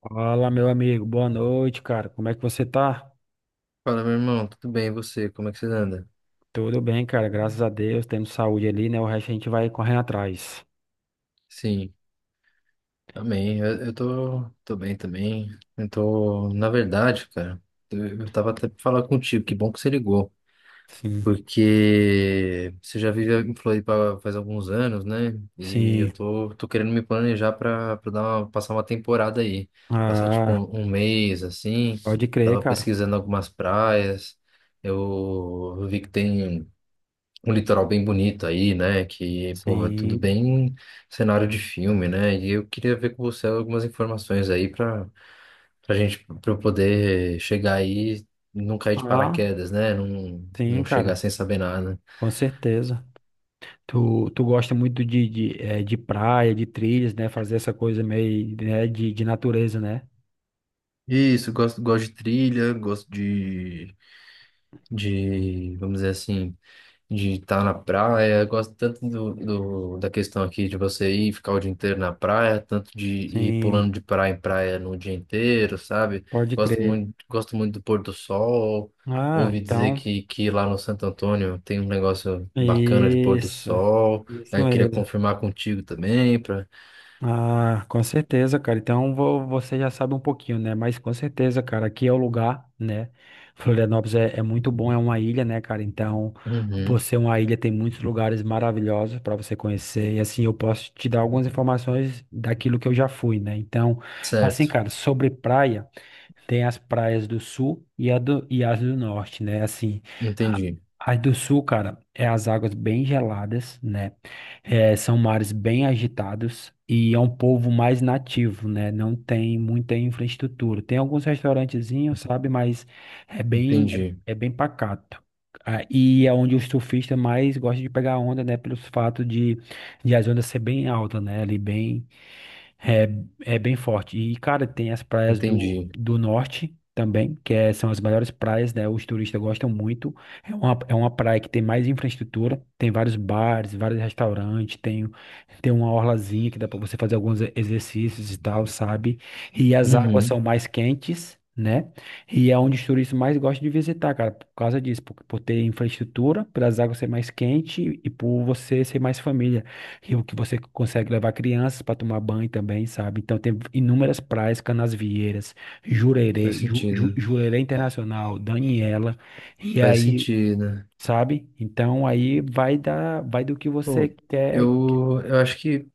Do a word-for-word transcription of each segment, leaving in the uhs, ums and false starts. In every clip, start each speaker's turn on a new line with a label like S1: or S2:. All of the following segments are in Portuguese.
S1: Fala, meu amigo. Boa noite, cara. Como é que você tá?
S2: Fala, meu irmão, tudo bem? E você? Como é que você anda?
S1: Tudo bem, cara. Graças a Deus. Tendo saúde ali, né? O resto a gente vai correndo atrás.
S2: Sim, amém. Eu, eu tô, tô bem também. Eu tô, na verdade, cara, eu, eu tava até pra falar contigo, que bom que você ligou.
S1: Sim.
S2: Porque você já vive em Floripa faz alguns anos, né? E eu
S1: Sim.
S2: tô, tô querendo me planejar pra, pra dar uma- passar uma temporada aí. Passar tipo
S1: Ah,
S2: um, um mês, assim.
S1: pode crer,
S2: Tava
S1: cara.
S2: pesquisando algumas praias. Eu, eu vi que tem um litoral bem bonito aí, né? Que, pô, é tudo
S1: Sim.
S2: bem cenário de filme, né? E eu queria ver com você algumas informações aí pra, pra gente, pra eu poder chegar aí, e não cair de
S1: Ah,
S2: paraquedas, né? Não,
S1: sim,
S2: não chegar
S1: cara.
S2: sem saber nada.
S1: Com certeza. Tu, tu gosta muito de, de, eh, de praia, de trilhas, né? Fazer essa coisa meio, né? de, de natureza, né?
S2: Isso, gosto, gosto de trilha, gosto de, de, vamos dizer assim, de estar na praia. Eu gosto tanto do, do- da questão aqui de você ir ficar o dia inteiro na praia, tanto de ir
S1: Sim.
S2: pulando de praia em praia no dia inteiro, sabe?
S1: Pode
S2: Gosto
S1: crer.
S2: muito, gosto muito do pôr do sol.
S1: Ah,
S2: Ouvi dizer
S1: então.
S2: que, que lá no Santo Antônio tem um negócio bacana de pôr do
S1: Isso.
S2: sol.
S1: Isso
S2: Aí eu queria
S1: mesmo.
S2: confirmar contigo também para.
S1: Ah, com certeza, cara. Então vo- você já sabe um pouquinho, né? Mas com certeza, cara, aqui é o lugar, né? Florianópolis é, é muito bom, é uma ilha, né, cara? Então, por
S2: Uhum,
S1: ser uma ilha, tem muitos lugares maravilhosos para você conhecer. E assim, eu posso te dar algumas informações daquilo que eu já fui, né? Então, assim,
S2: certo.
S1: cara, sobre praia, tem as praias do sul e, a do, e as do norte, né? Assim, a-
S2: Entendi.
S1: as do sul, cara, é as águas bem geladas, né? É, são mares bem agitados e é um povo mais nativo, né? Não tem muita infraestrutura. Tem alguns restaurantezinhos, sabe? Mas é bem, é,
S2: Entendi.
S1: é bem pacato. Ah, e é onde os surfistas mais gostam de pegar onda, né? Pelos fato de, de as ondas ser bem alta, né? Ali bem é, é, bem forte. E, cara, tem as praias do,
S2: Entendi.
S1: do norte também, que é- são as melhores praias, né? Os turistas gostam muito. É uma, é uma praia que tem mais infraestrutura, tem vários bares, vários restaurantes, tem, tem uma orlazinha que dá pra você fazer alguns e- exercícios e tal, sabe? E as águas são
S2: Uhum.
S1: mais quentes, né? E é onde os turistas mais gostam de visitar, cara, por causa disso, por, por ter infraestrutura, pelas águas ser mais quente e por você ser mais família. Rio que você consegue levar crianças para tomar banho também, sabe? Então tem inúmeras praias, Canasvieiras,
S2: Faz
S1: Jurerê, Ju,
S2: sentido,
S1: Ju-
S2: né?
S1: Jurerê Internacional, Daniela, e
S2: Faz
S1: aí,
S2: sentido.
S1: sabe? Então aí vai dar, vai do que você
S2: Pô,
S1: quer.
S2: eu, eu acho que,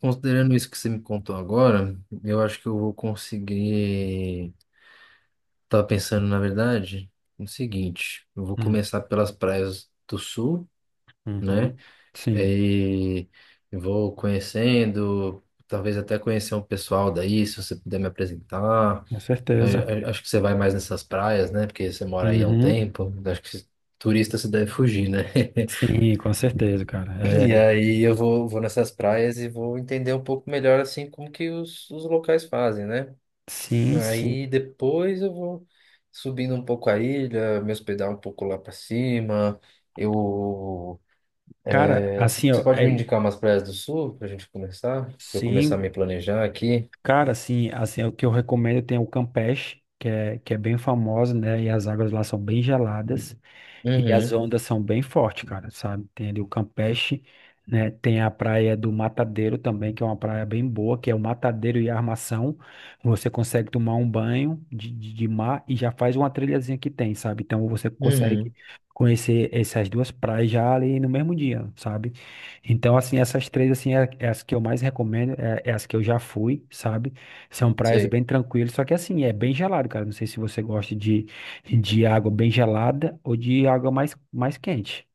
S2: considerando isso que você me contou agora, eu acho que eu vou conseguir. Tava pensando, na verdade, no seguinte: eu vou
S1: Hum,
S2: começar pelas praias do sul,
S1: uhum.
S2: né?
S1: Sim,
S2: E eu vou conhecendo, talvez até conhecer um pessoal daí, se você puder me apresentar.
S1: com
S2: Eu-
S1: certeza.
S2: eu acho que você vai mais nessas praias, né? Porque você mora aí há um
S1: Uhum.
S2: tempo. Eu acho que turista você deve fugir, né?
S1: Sim, com certeza, cara. É,
S2: E aí eu vou, vou nessas praias e vou entender um pouco melhor assim como que os, os locais fazem, né?
S1: sim, sim.
S2: Aí depois eu vou subindo um pouco a ilha, me hospedar um pouco lá pra cima. Eu
S1: Cara, assim,
S2: Você
S1: ó,
S2: pode me
S1: é,
S2: indicar umas praias do sul pra gente começar? Pra eu começar a
S1: sim,
S2: me planejar aqui?
S1: cara, assim, assim, o que eu recomendo tem o Campeche, que é, que é bem famoso, né? E as águas lá são bem geladas e as
S2: Uhum,
S1: ondas são bem fortes, cara, sabe? Tem ali o Campeche, né? Tem a praia do Matadeiro também, que é uma praia bem boa, que é o Matadeiro e a Armação. Você consegue tomar um banho de, de, de mar e já faz uma trilhazinha que tem, sabe? Então você consegue
S2: uhum,
S1: conhecer essas duas praias já ali no mesmo dia, sabe? Então, assim, essas três, assim, é, é as que eu mais recomendo, é, é as que eu já fui, sabe? São praias
S2: sei,
S1: bem tranquilas, só que assim, é bem gelado, cara. Não sei se você gosta de, de água bem gelada ou de água mais, mais quente,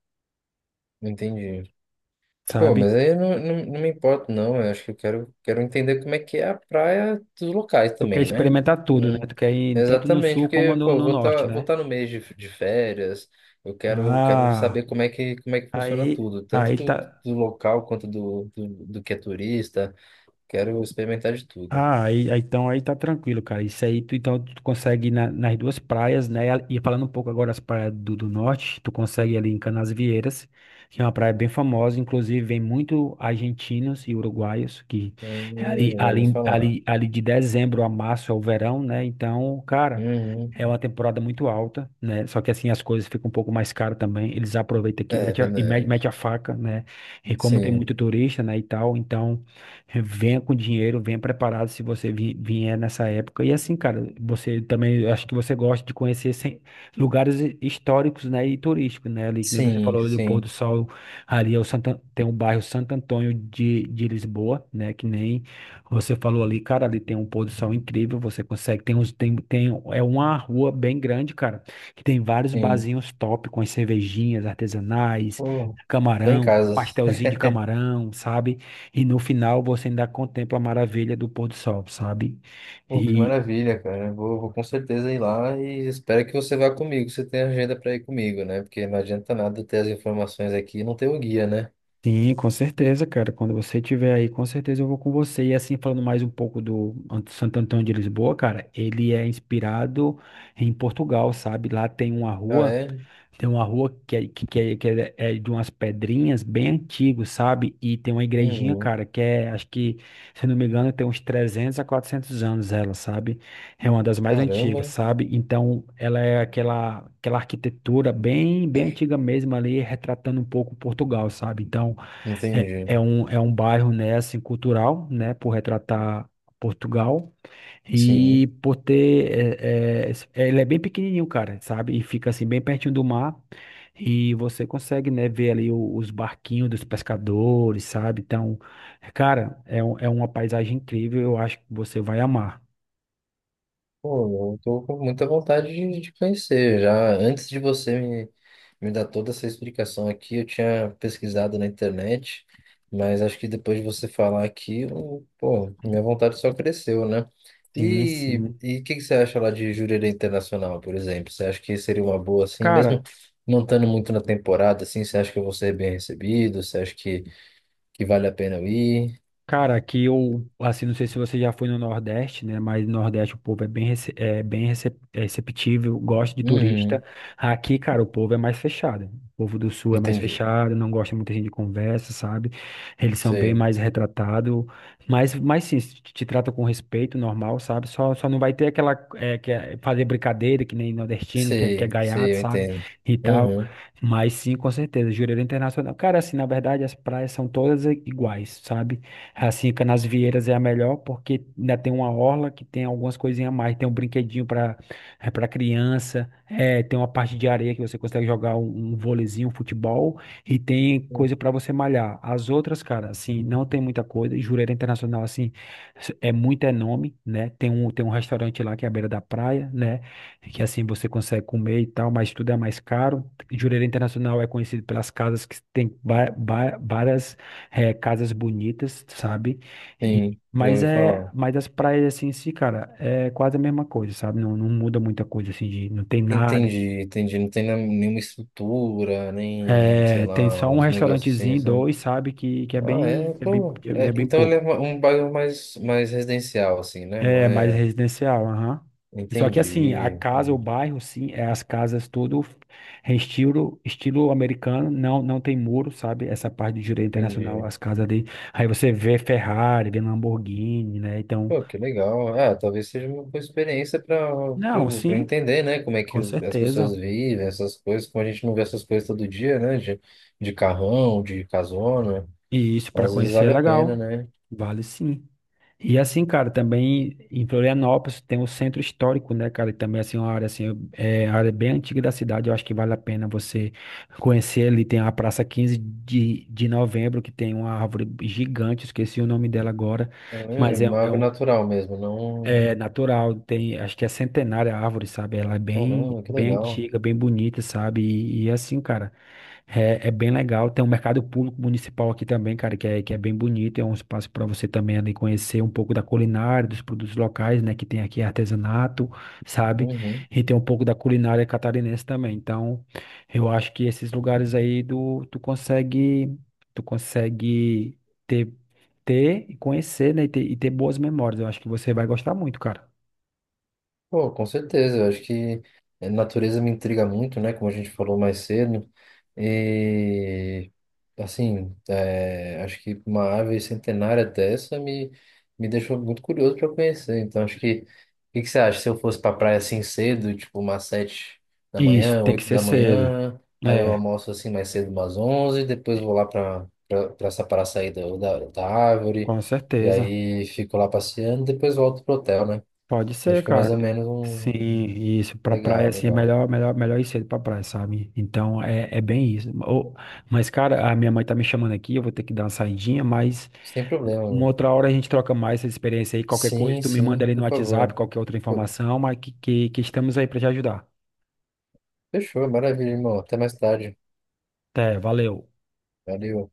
S2: entendi. Pô,
S1: sabe?
S2: mas aí eu não, não, não me importo, não. Eu acho que eu quero, quero entender como é que é a praia dos locais
S1: Tu quer
S2: também, né?
S1: experimentar tudo, né?
S2: Não-
S1: Tu quer ir tanto no
S2: exatamente,
S1: sul como
S2: porque, pô,
S1: no,
S2: eu
S1: no
S2: vou
S1: norte,
S2: estar vou
S1: né?
S2: tá no mês de, de férias, eu quero, quero
S1: Ah,
S2: saber como é que, como é que funciona
S1: aí,
S2: tudo, tanto
S1: aí
S2: do,
S1: tá.
S2: do local quanto do, do, do que é turista. Quero experimentar de tudo.
S1: Ah, aí, aí- então aí tá tranquilo, cara. Isso aí, tu, então tu consegue ir na- nas duas praias, né? E falando um pouco agora das praias do, do norte, tu consegue ir ali em Canasvieiras, que é uma praia bem famosa, inclusive vem muito argentinos e uruguaios, que é ali,
S2: Hum, já ouvi
S1: ali,
S2: falar.
S1: ali, ali de dezembro a março é o verão, né? Então, cara,
S2: Uhum.
S1: é uma temporada muito alta, né? Só que assim as coisas ficam um pouco mais caras também. Eles aproveitam aqui e
S2: É
S1: mete a- e mete,
S2: verdade.
S1: mete a faca, né? E como tem
S2: Sim,
S1: muito turista, né, e tal, então. Venha com dinheiro, venha preparado se você vi- vier nessa época. E assim, cara, você também, eu acho que você gosta de conhecer sem- lugares hi- históricos, né, e turísticos, né, ali que nem você
S2: sim,
S1: falou ali do pôr
S2: sim,
S1: do sol, ali é o Santa, tem o bairro Santo Antônio de, de Lisboa, né, que nem você falou ali, cara, ali tem um pôr do sol incrível, você consegue, tem uns, tem, tem, é uma rua bem grande, cara, que tem vários
S2: sim.
S1: barzinhos top com as cervejinhas artesanais,
S2: Pô, tô em
S1: camarão,
S2: casa.
S1: pastelzinho de camarão, sabe? E no final você ainda contempla a maravilha do pôr do sol, sabe?
S2: Pô, que
S1: E
S2: maravilha, cara. Vou, vou com certeza ir lá e espero que você vá comigo. Você tem agenda para ir comigo, né? Porque não adianta nada eu ter as informações aqui e não ter o guia, né?
S1: sim, com certeza, cara. Quando você estiver aí, com certeza eu vou com você. E assim, falando mais um pouco do Ant- Santo Antônio de Lisboa, cara, ele é inspirado em Portugal, sabe? Lá tem uma
S2: Ah,
S1: rua.
S2: é?
S1: Tem uma rua que, é, que, que é, que é é de umas pedrinhas bem antigas, sabe? E tem uma igrejinha,
S2: Uhum.
S1: cara, que é, acho que, se eu não me engano, tem uns trezentos a quatrocentos anos ela, sabe? É uma das mais antigas,
S2: Caramba.
S1: sabe? Então, ela é aquela, aquela arquitetura bem, bem antiga mesmo ali, retratando um pouco Portugal, sabe? Então, é,
S2: Entendi.
S1: é um, é um bairro, né, assim, cultural, né, por retratar Portugal
S2: Sim.
S1: e por ter, é, é, ele é bem pequenininho, cara, sabe? E fica, assim, bem pertinho do mar e você consegue, né, ver ali o- os barquinhos dos pescadores, sabe? Então, cara, é, um- é uma paisagem incrível, eu acho que você vai amar.
S2: Pô, eu tô com muita vontade de, de conhecer já. Antes de você me, me dar toda essa explicação aqui, eu tinha pesquisado na internet, mas acho que depois de você falar aqui, eu- pô, minha vontade só cresceu, né?
S1: Sim,
S2: E
S1: sim.
S2: e o que, que você acha lá de Jurerê Internacional, por exemplo? Você acha que seria uma boa, assim, mesmo
S1: Cara,
S2: não estando muito na temporada, assim, você acha que eu vou ser bem recebido? Você acha que, que vale a pena eu ir?
S1: Cara, aqui eu, assim, não sei se você já foi no Nordeste, né? Mas no Nordeste o povo é bem, rece- é bem rece- é receptível, gosta de turista.
S2: Uhum,
S1: Aqui, cara, o povo é mais fechado. O povo do Sul é mais
S2: entendi.
S1: fechado, não gosta muita gente de conversa, sabe? Eles são bem
S2: Sei,
S1: mais retratados. Mas, mas sim, se te, te trata com respeito, normal, sabe? Só, só não vai ter aquela, é, que é fazer brincadeira, que nem nordestino, que é, que é
S2: sei,
S1: gaiato,
S2: sei, eu
S1: sabe?
S2: entendo.
S1: E tal.
S2: Uhum.
S1: Mas sim, com certeza, Jurerê Internacional. Cara, assim, na verdade, as praias são todas i- iguais, sabe? Assim, Canasvieiras é a melhor porque ainda tem uma orla que tem algumas coisinhas a mais. Tem um brinquedinho para para criança, é, tem uma parte de areia que você consegue jogar um, um vôleizinho, um futebol e tem coisa para você malhar. As outras, cara, assim, não tem muita coisa. E Jurerê Internacional, assim, é muito é nome, né? Tem um, tem um restaurante lá que é à beira da praia, né? Que assim você consegue comer e tal, mas tudo é mais caro. Jurerê Internacional é conhecido pelas casas que tem va- va- várias é, casas bonitas, sabe? E-
S2: Sim, já
S1: mas
S2: ouvi
S1: é,
S2: falar.
S1: mas as praias assim, em si, cara, é quase a mesma coisa, sabe? Não, não muda muita coisa assim, de, não tem nada. De-
S2: Entendi, entendi. Não tem nem- nenhuma estrutura, nem, sei
S1: É, tem só
S2: lá,
S1: um
S2: os negócios assim,
S1: restaurantezinho,
S2: sabe?
S1: dois, sabe? Que, que é
S2: Ah, é,
S1: bem, é bem,
S2: pô. É,
S1: é bem
S2: então ele é
S1: pouco.
S2: uma- um bairro mais, mais residencial, assim, né? Não
S1: É mais
S2: é.
S1: residencial, aham. E só que assim, a
S2: Entendi,
S1: casa, o bairro, sim, é as casas tudo em estilo, estilo americano, não, não tem muro, sabe? Essa parte de direito internacional,
S2: entendi.
S1: as casas ali. Aí você vê Ferrari, vê Lamborghini, né? Então,
S2: Pô, que legal. Ah, talvez seja uma boa experiência para
S1: não,
S2: para
S1: sim,
S2: entender, né? Como é que
S1: com
S2: os- as pessoas
S1: certeza.
S2: vivem, essas coisas, como a gente não vê essas coisas todo dia, né? De, de carrão, de casona.
S1: E isso para
S2: Às vezes
S1: conhecer é
S2: vale a pena,
S1: legal.
S2: né?
S1: Vale sim. E assim, cara, também em Florianópolis tem o centro histórico, né, cara? E também assim uma área assim, é é área bem antiga da cidade, eu acho que vale a pena você conhecer ali. Tem a Praça quinze de, de Novembro, que tem uma árvore gigante, esqueci o nome dela agora,
S2: É, é, é,
S1: mas é,
S2: uma
S1: é
S2: árvore
S1: um
S2: natural mesmo, não.
S1: é natural, tem, acho que é centenária a árvore, sabe? Ela é bem
S2: Caramba, que
S1: bem
S2: legal.
S1: antiga, bem bonita, sabe? E, e é assim, cara, é, é bem legal. Tem um mercado público municipal aqui também, cara, que é, que é bem bonito. É um espaço para você também ali conhecer um pouco da culinária, dos produtos locais, né? Que tem aqui artesanato, sabe?
S2: Uhum.
S1: E tem um pouco da culinária catarinense também. Então, eu acho que esses lugares aí do, tu consegue, tu consegue ter, ter e conhecer, né? E ter, e ter boas memórias. Eu acho que você vai gostar muito, cara.
S2: Pô, com certeza, eu acho que a natureza me intriga muito, né? Como a gente falou mais cedo. E, assim, é, acho que uma ave centenária dessa me, me deixou muito curioso para conhecer. Então, acho que. O que que você acha? Se eu fosse pra praia assim cedo, tipo umas sete da
S1: Isso,
S2: manhã,
S1: tem que
S2: oito
S1: ser
S2: da
S1: cedo.
S2: manhã, aí eu
S1: É,
S2: almoço assim mais cedo, umas onze, depois vou lá pra, pra, pra essa paraçaída da, da árvore,
S1: com
S2: e
S1: certeza.
S2: aí fico lá passeando, depois volto pro hotel, né?
S1: Pode ser,
S2: Acho que é
S1: cara.
S2: mais ou menos
S1: Sim,
S2: um.
S1: isso. Pra praia,
S2: Legal,
S1: assim, é
S2: legal.
S1: melhor, melhor, melhor ir cedo pra praia, sabe? Então, é, é bem isso. Ô, mas, cara, a minha mãe tá me chamando aqui, eu vou ter que dar uma saidinha, mas
S2: Sem problema,
S1: uma
S2: mano.
S1: outra hora a gente troca mais essa experiência aí. Qualquer coisa,
S2: Sim,
S1: tu me manda
S2: sim,
S1: ali no
S2: por
S1: WhatsApp,
S2: favor.
S1: qualquer outra
S2: Pô,
S1: informação, mas que, que, que estamos aí pra te ajudar.
S2: fechou, maravilha, irmão. Até mais tarde.
S1: Até, valeu.
S2: Valeu.